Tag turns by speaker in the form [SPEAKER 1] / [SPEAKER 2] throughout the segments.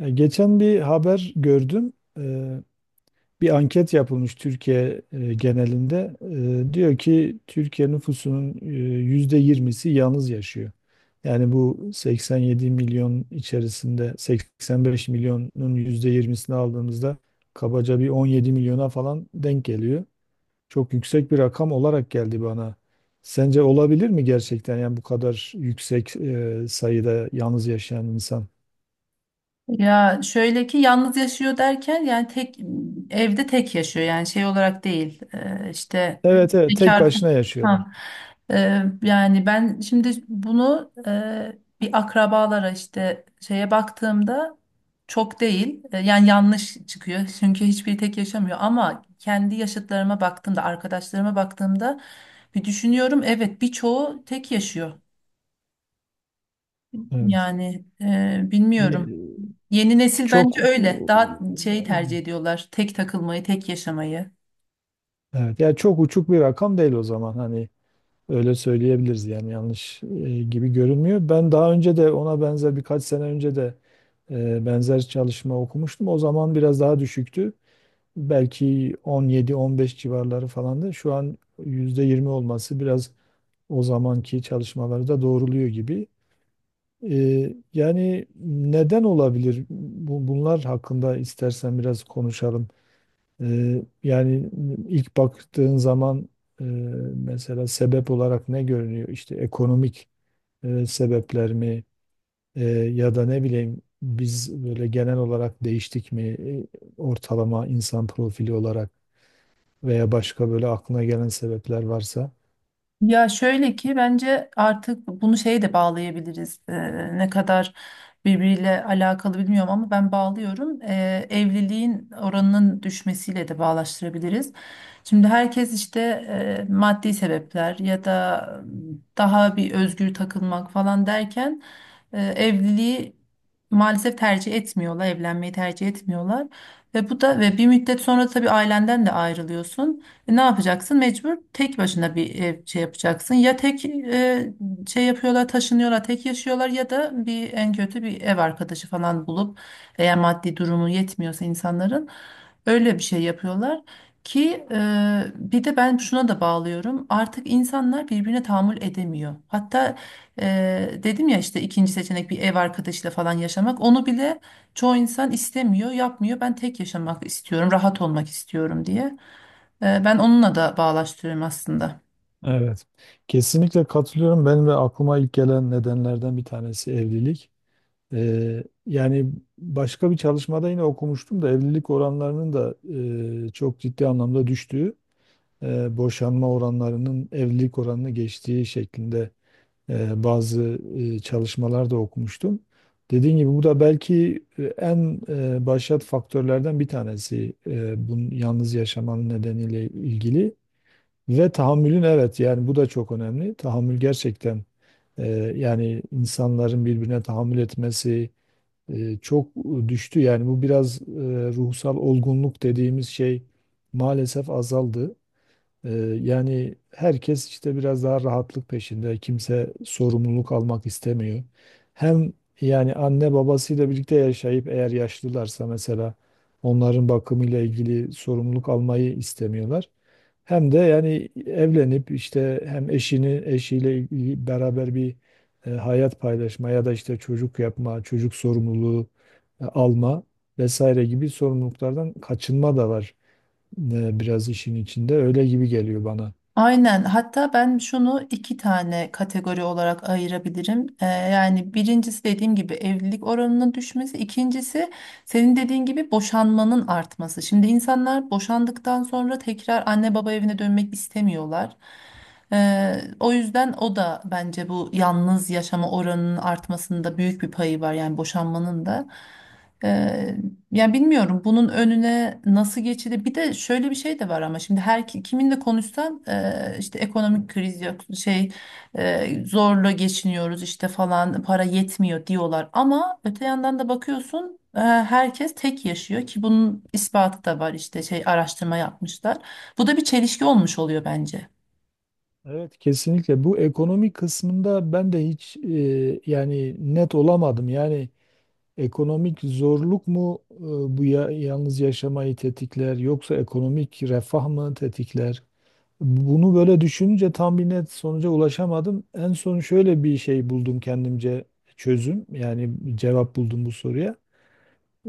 [SPEAKER 1] Geçen bir haber gördüm. E, Bir anket yapılmış Türkiye genelinde. Diyor ki Türkiye nüfusunun %20'si yalnız yaşıyor. Yani bu 87 milyon içerisinde 85 milyonun %20'sini aldığımızda kabaca bir 17 milyona falan denk geliyor. Çok yüksek bir rakam olarak geldi bana. Sence olabilir mi gerçekten yani bu kadar yüksek sayıda yalnız yaşayan insan?
[SPEAKER 2] Ya şöyle ki yalnız yaşıyor derken yani tek evde tek yaşıyor, yani şey olarak değil.
[SPEAKER 1] Evet, evet, tek
[SPEAKER 2] Bekar
[SPEAKER 1] başına yaşıyor.
[SPEAKER 2] ha. Yani ben şimdi bunu bir akrabalara, işte şeye baktığımda çok değil, yani yanlış çıkıyor çünkü hiçbiri tek yaşamıyor, ama kendi yaşıtlarıma baktığımda, arkadaşlarıma baktığımda bir düşünüyorum, evet, birçoğu tek yaşıyor,
[SPEAKER 1] Evet.
[SPEAKER 2] yani bilmiyorum.
[SPEAKER 1] E,
[SPEAKER 2] Yeni nesil
[SPEAKER 1] Çok
[SPEAKER 2] bence öyle. Daha şey tercih ediyorlar. Tek takılmayı, tek yaşamayı.
[SPEAKER 1] evet. Yani çok uçuk bir rakam değil o zaman, hani öyle söyleyebiliriz, yani yanlış gibi görünmüyor. Ben daha önce de ona benzer, birkaç sene önce de benzer çalışma okumuştum. O zaman biraz daha düşüktü. Belki 17-15 civarları falandı. Şu an %20 olması biraz o zamanki çalışmaları da doğruluyor gibi. E, yani neden olabilir? Bunlar hakkında istersen biraz konuşalım. Yani ilk baktığın zaman eee, mesela sebep olarak ne görünüyor? İşte ekonomik sebepler mi, Eee, ya da ne bileyim biz böyle genel olarak değiştik mi, ortalama insan profili olarak veya başka böyle aklına gelen sebepler varsa.
[SPEAKER 2] Ya şöyle ki bence artık bunu şeye de bağlayabiliriz. Ne kadar birbiriyle alakalı bilmiyorum ama ben bağlıyorum. Evliliğin oranının düşmesiyle de bağlaştırabiliriz. Şimdi herkes işte maddi sebepler ya da daha bir özgür takılmak falan derken evliliği maalesef tercih etmiyorlar, evlenmeyi tercih etmiyorlar. Ve bu da ve bir müddet sonra tabii ailenden de ayrılıyorsun. Ne yapacaksın? Mecbur tek başına bir ev şey yapacaksın. Ya tek şey yapıyorlar, taşınıyorlar, tek yaşıyorlar ya da bir en kötü bir ev arkadaşı falan bulup, eğer maddi durumu yetmiyorsa insanların, öyle bir şey yapıyorlar ki bir de ben şuna da bağlıyorum. Artık insanlar birbirine tahammül edemiyor. Hatta dedim ya, işte ikinci seçenek bir ev arkadaşıyla falan yaşamak. Onu bile çoğu insan istemiyor, yapmıyor. Ben tek yaşamak istiyorum, rahat olmak istiyorum diye. Ben onunla da bağlaştırıyorum aslında.
[SPEAKER 1] Evet, kesinlikle katılıyorum. Ben ve aklıma ilk gelen nedenlerden bir tanesi evlilik. Yani başka bir çalışmada yine okumuştum da evlilik oranlarının da çok ciddi anlamda düştüğü, boşanma oranlarının evlilik oranını geçtiği şeklinde bazı çalışmalar da okumuştum. Dediğim gibi bu da belki en başat faktörlerden bir tanesi, bunun yalnız yaşamanın nedeniyle ilgili ve tahammülün, evet, yani bu da çok önemli. Tahammül gerçekten, e, yani insanların birbirine tahammül etmesi çok düştü. Yani bu biraz ruhsal olgunluk dediğimiz şey maalesef azaldı. Ee, yani herkes işte biraz daha rahatlık peşinde. Kimse sorumluluk almak istemiyor. Hem yani anne babasıyla birlikte yaşayıp eğer yaşlılarsa mesela onların bakımıyla ilgili sorumluluk almayı istemiyorlar. Hem de yani evlenip işte hem eşiyle ilgili beraber bir hayat paylaşma, ya da işte çocuk yapma, çocuk sorumluluğu alma vesaire gibi sorumluluklardan kaçınma da var, biraz işin içinde öyle gibi geliyor bana.
[SPEAKER 2] Aynen. Hatta ben şunu iki tane kategori olarak ayırabilirim. Yani birincisi dediğim gibi evlilik oranının düşmesi, ikincisi senin dediğin gibi boşanmanın artması. Şimdi insanlar boşandıktan sonra tekrar anne baba evine dönmek istemiyorlar. O yüzden o da bence bu yalnız yaşama oranının artmasında büyük bir payı var, yani boşanmanın da. Ee, Ya bilmiyorum bunun önüne nasıl geçilir. Bir de şöyle bir şey de var ama, şimdi her kiminle konuşsan işte ekonomik kriz, yok şey zorla geçiniyoruz işte falan, para yetmiyor diyorlar. Ama öte yandan da bakıyorsun herkes tek yaşıyor, ki bunun ispatı da var, işte şey araştırma yapmışlar. Bu da bir çelişki olmuş oluyor bence.
[SPEAKER 1] Evet, kesinlikle bu ekonomik kısmında ben de hiç yani net olamadım. Yani ekonomik zorluk mu, bu ya, yalnız yaşamayı tetikler yoksa ekonomik refah mı tetikler? Bunu böyle düşününce tam bir net sonuca ulaşamadım. En son şöyle bir şey buldum kendimce, çözüm yani cevap buldum bu soruya.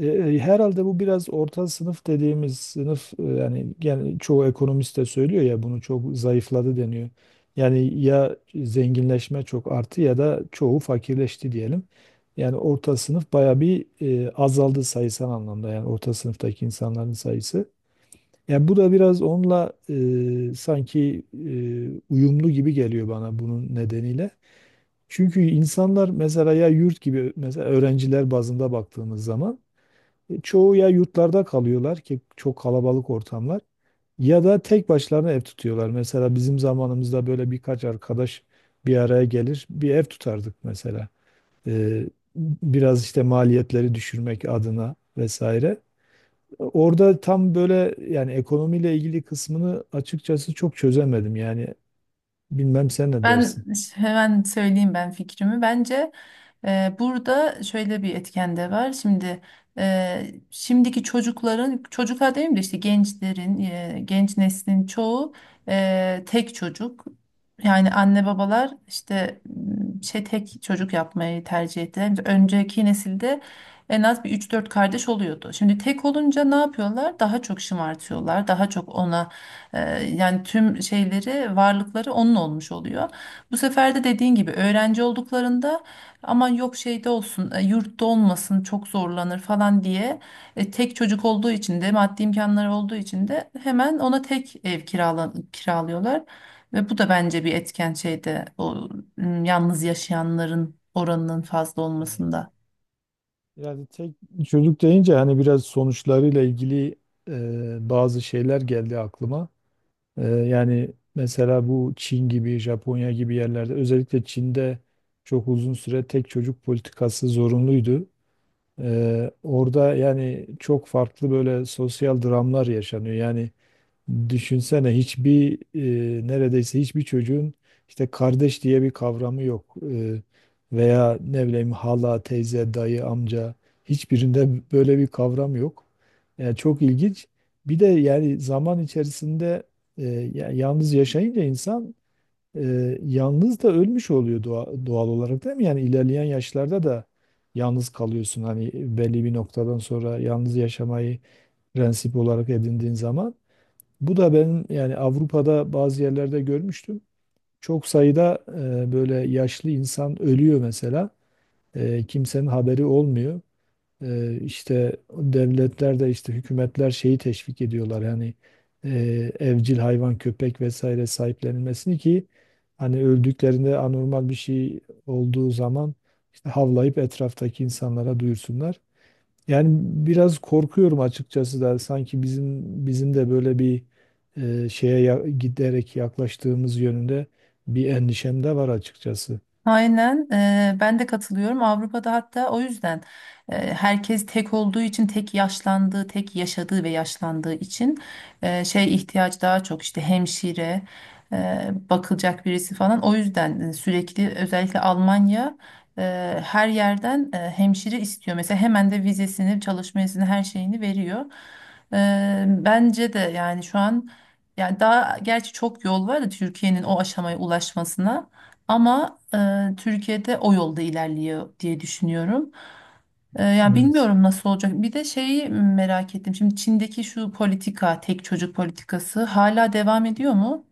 [SPEAKER 1] Herhalde bu biraz orta sınıf dediğimiz sınıf, yani gene çoğu ekonomist de söylüyor ya bunu, çok zayıfladı deniyor. Yani ya zenginleşme çok arttı ya da çoğu fakirleşti diyelim. Yani orta sınıf baya bir azaldı sayısal anlamda, yani orta sınıftaki insanların sayısı. Yani bu da biraz onunla sanki uyumlu gibi geliyor bana bunun nedeniyle. Çünkü insanlar mesela, ya yurt gibi, mesela öğrenciler bazında baktığımız zaman çoğu ya yurtlarda kalıyorlar ki çok kalabalık ortamlar, ya da tek başlarına ev tutuyorlar. Mesela bizim zamanımızda böyle birkaç arkadaş bir araya gelir bir ev tutardık mesela. E, Biraz işte maliyetleri düşürmek adına vesaire. Orada tam böyle, yani ekonomiyle ilgili kısmını açıkçası çok çözemedim. Yani bilmem sen ne dersin?
[SPEAKER 2] Ben hemen söyleyeyim ben fikrimi. Bence burada şöyle bir etken de var. Şimdi şimdiki çocukların, çocuklar değil de işte gençlerin, genç neslin çoğu tek çocuk. Yani anne babalar işte şey tek çocuk yapmayı tercih ettiler. Önceki nesilde en az bir üç dört kardeş oluyordu. Şimdi tek olunca ne yapıyorlar? Daha çok şımartıyorlar, daha çok ona yani tüm şeyleri, varlıkları onun olmuş oluyor. Bu sefer de dediğin gibi öğrenci olduklarında aman yok şeyde olsun, yurtta olmasın, çok zorlanır falan diye tek çocuk olduğu için de maddi imkanları olduğu için de hemen ona tek ev kirala, kiralıyorlar. Ve bu da bence bir etken şeyde, o yalnız yaşayanların oranının fazla olmasında.
[SPEAKER 1] Yani tek çocuk deyince hani biraz sonuçlarıyla ilgili bazı şeyler geldi aklıma. Yani mesela bu Çin gibi, Japonya gibi yerlerde özellikle Çin'de çok uzun süre tek çocuk politikası zorunluydu. Orada yani çok farklı böyle sosyal dramlar yaşanıyor. Yani düşünsene neredeyse hiçbir çocuğun işte kardeş diye bir kavramı yok. Veya ne bileyim hala, teyze, dayı, amca, hiçbirinde böyle bir kavram yok. Yani çok ilginç. Bir de yani zaman içerisinde e, yalnız yaşayınca insan e, yalnız da ölmüş oluyor doğal olarak, değil mi? Yani ilerleyen yaşlarda da yalnız kalıyorsun. Hani belli bir noktadan sonra yalnız yaşamayı prensip olarak edindiğin zaman. Bu da benim, yani Avrupa'da bazı yerlerde görmüştüm. Çok sayıda böyle yaşlı insan ölüyor mesela. Kimsenin haberi olmuyor. İşte devletler de işte hükümetler şeyi teşvik ediyorlar. Yani e, evcil hayvan, köpek vesaire sahiplenilmesini ki hani öldüklerinde anormal bir şey olduğu zaman işte havlayıp etraftaki insanlara duyursunlar. Yani biraz korkuyorum açıkçası da sanki bizim de böyle bir giderek yaklaştığımız yönünde bir endişem de var açıkçası.
[SPEAKER 2] Aynen, ben de katılıyorum. Avrupa'da hatta o yüzden herkes tek olduğu için, tek yaşlandığı, tek yaşadığı ve yaşlandığı için şey ihtiyaç daha çok, işte hemşire bakılacak birisi falan, o yüzden sürekli özellikle Almanya her yerden hemşire istiyor mesela, hemen de vizesini, çalışma izni, her şeyini veriyor. Bence de yani şu an, yani daha gerçi çok yol var da Türkiye'nin o aşamaya ulaşmasına. Ama Türkiye'de o yolda ilerliyor diye düşünüyorum. Yani
[SPEAKER 1] Evet.
[SPEAKER 2] bilmiyorum nasıl olacak. Bir de şeyi merak ettim. Şimdi Çin'deki şu politika, tek çocuk politikası hala devam ediyor mu?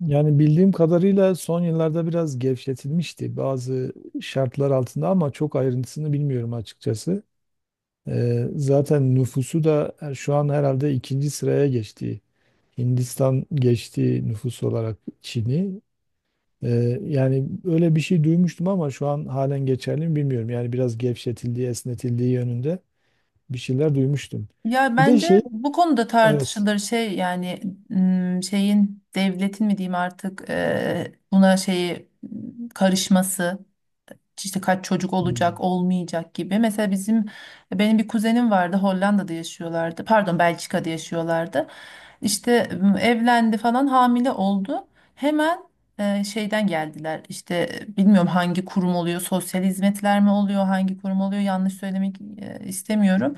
[SPEAKER 1] Yani bildiğim kadarıyla son yıllarda biraz gevşetilmişti bazı şartlar altında, ama çok ayrıntısını bilmiyorum açıkçası. Zaten nüfusu da şu an herhalde ikinci sıraya geçti. Hindistan geçti nüfus olarak Çin'i. Yani öyle bir şey duymuştum ama şu an halen geçerli mi bilmiyorum. Yani biraz gevşetildiği, esnetildiği yönünde bir şeyler duymuştum.
[SPEAKER 2] Ya
[SPEAKER 1] Bir de şey,
[SPEAKER 2] bence bu konuda
[SPEAKER 1] evet,
[SPEAKER 2] tartışılır şey yani, şeyin, devletin mi diyeyim artık, buna şeyi karışması. İşte kaç çocuk olacak,
[SPEAKER 1] hmm,
[SPEAKER 2] olmayacak gibi. Mesela benim bir kuzenim vardı, Hollanda'da yaşıyorlardı. Pardon, Belçika'da yaşıyorlardı. İşte evlendi falan, hamile oldu. Hemen şeyden geldiler. İşte bilmiyorum hangi kurum oluyor, sosyal hizmetler mi oluyor, hangi kurum oluyor, yanlış söylemek istemiyorum.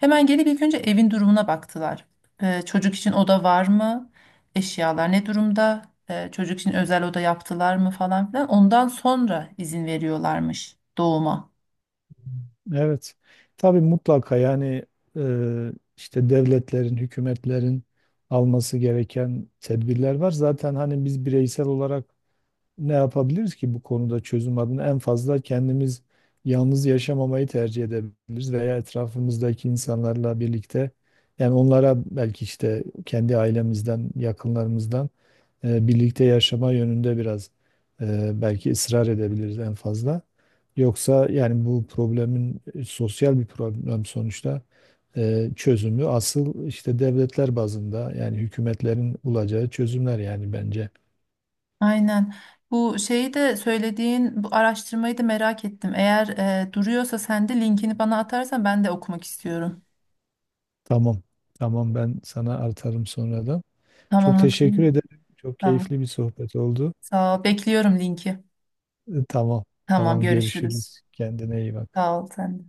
[SPEAKER 2] Hemen gelip ilk önce evin durumuna baktılar. Çocuk için oda var mı, eşyalar ne durumda, çocuk için özel oda yaptılar mı falan filan. Ondan sonra izin veriyorlarmış doğuma.
[SPEAKER 1] evet. Tabii mutlaka yani e, işte devletlerin, hükümetlerin alması gereken tedbirler var. Zaten hani biz bireysel olarak ne yapabiliriz ki bu konuda çözüm adına? En fazla kendimiz yalnız yaşamamayı tercih edebiliriz veya etrafımızdaki insanlarla birlikte, yani onlara belki, işte kendi ailemizden, yakınlarımızdan birlikte yaşama yönünde biraz belki ısrar edebiliriz en fazla. Yoksa yani bu problemin, sosyal bir problem sonuçta, çözümü asıl işte devletler bazında, yani hükümetlerin bulacağı çözümler yani bence.
[SPEAKER 2] Aynen. Bu şeyi de, söylediğin bu araştırmayı da merak ettim. Eğer duruyorsa sen de linkini bana atarsan, ben de okumak istiyorum.
[SPEAKER 1] Tamam. Tamam, ben sana artarım sonradan. Çok
[SPEAKER 2] Tamam o
[SPEAKER 1] teşekkür
[SPEAKER 2] zaman.
[SPEAKER 1] ederim. Çok
[SPEAKER 2] Tamam.
[SPEAKER 1] keyifli bir sohbet oldu.
[SPEAKER 2] Sağ ol. Bekliyorum linki.
[SPEAKER 1] Tamam.
[SPEAKER 2] Tamam,
[SPEAKER 1] Tamam,
[SPEAKER 2] görüşürüz.
[SPEAKER 1] görüşürüz. Kendine iyi bak.
[SPEAKER 2] Sağ ol sen de.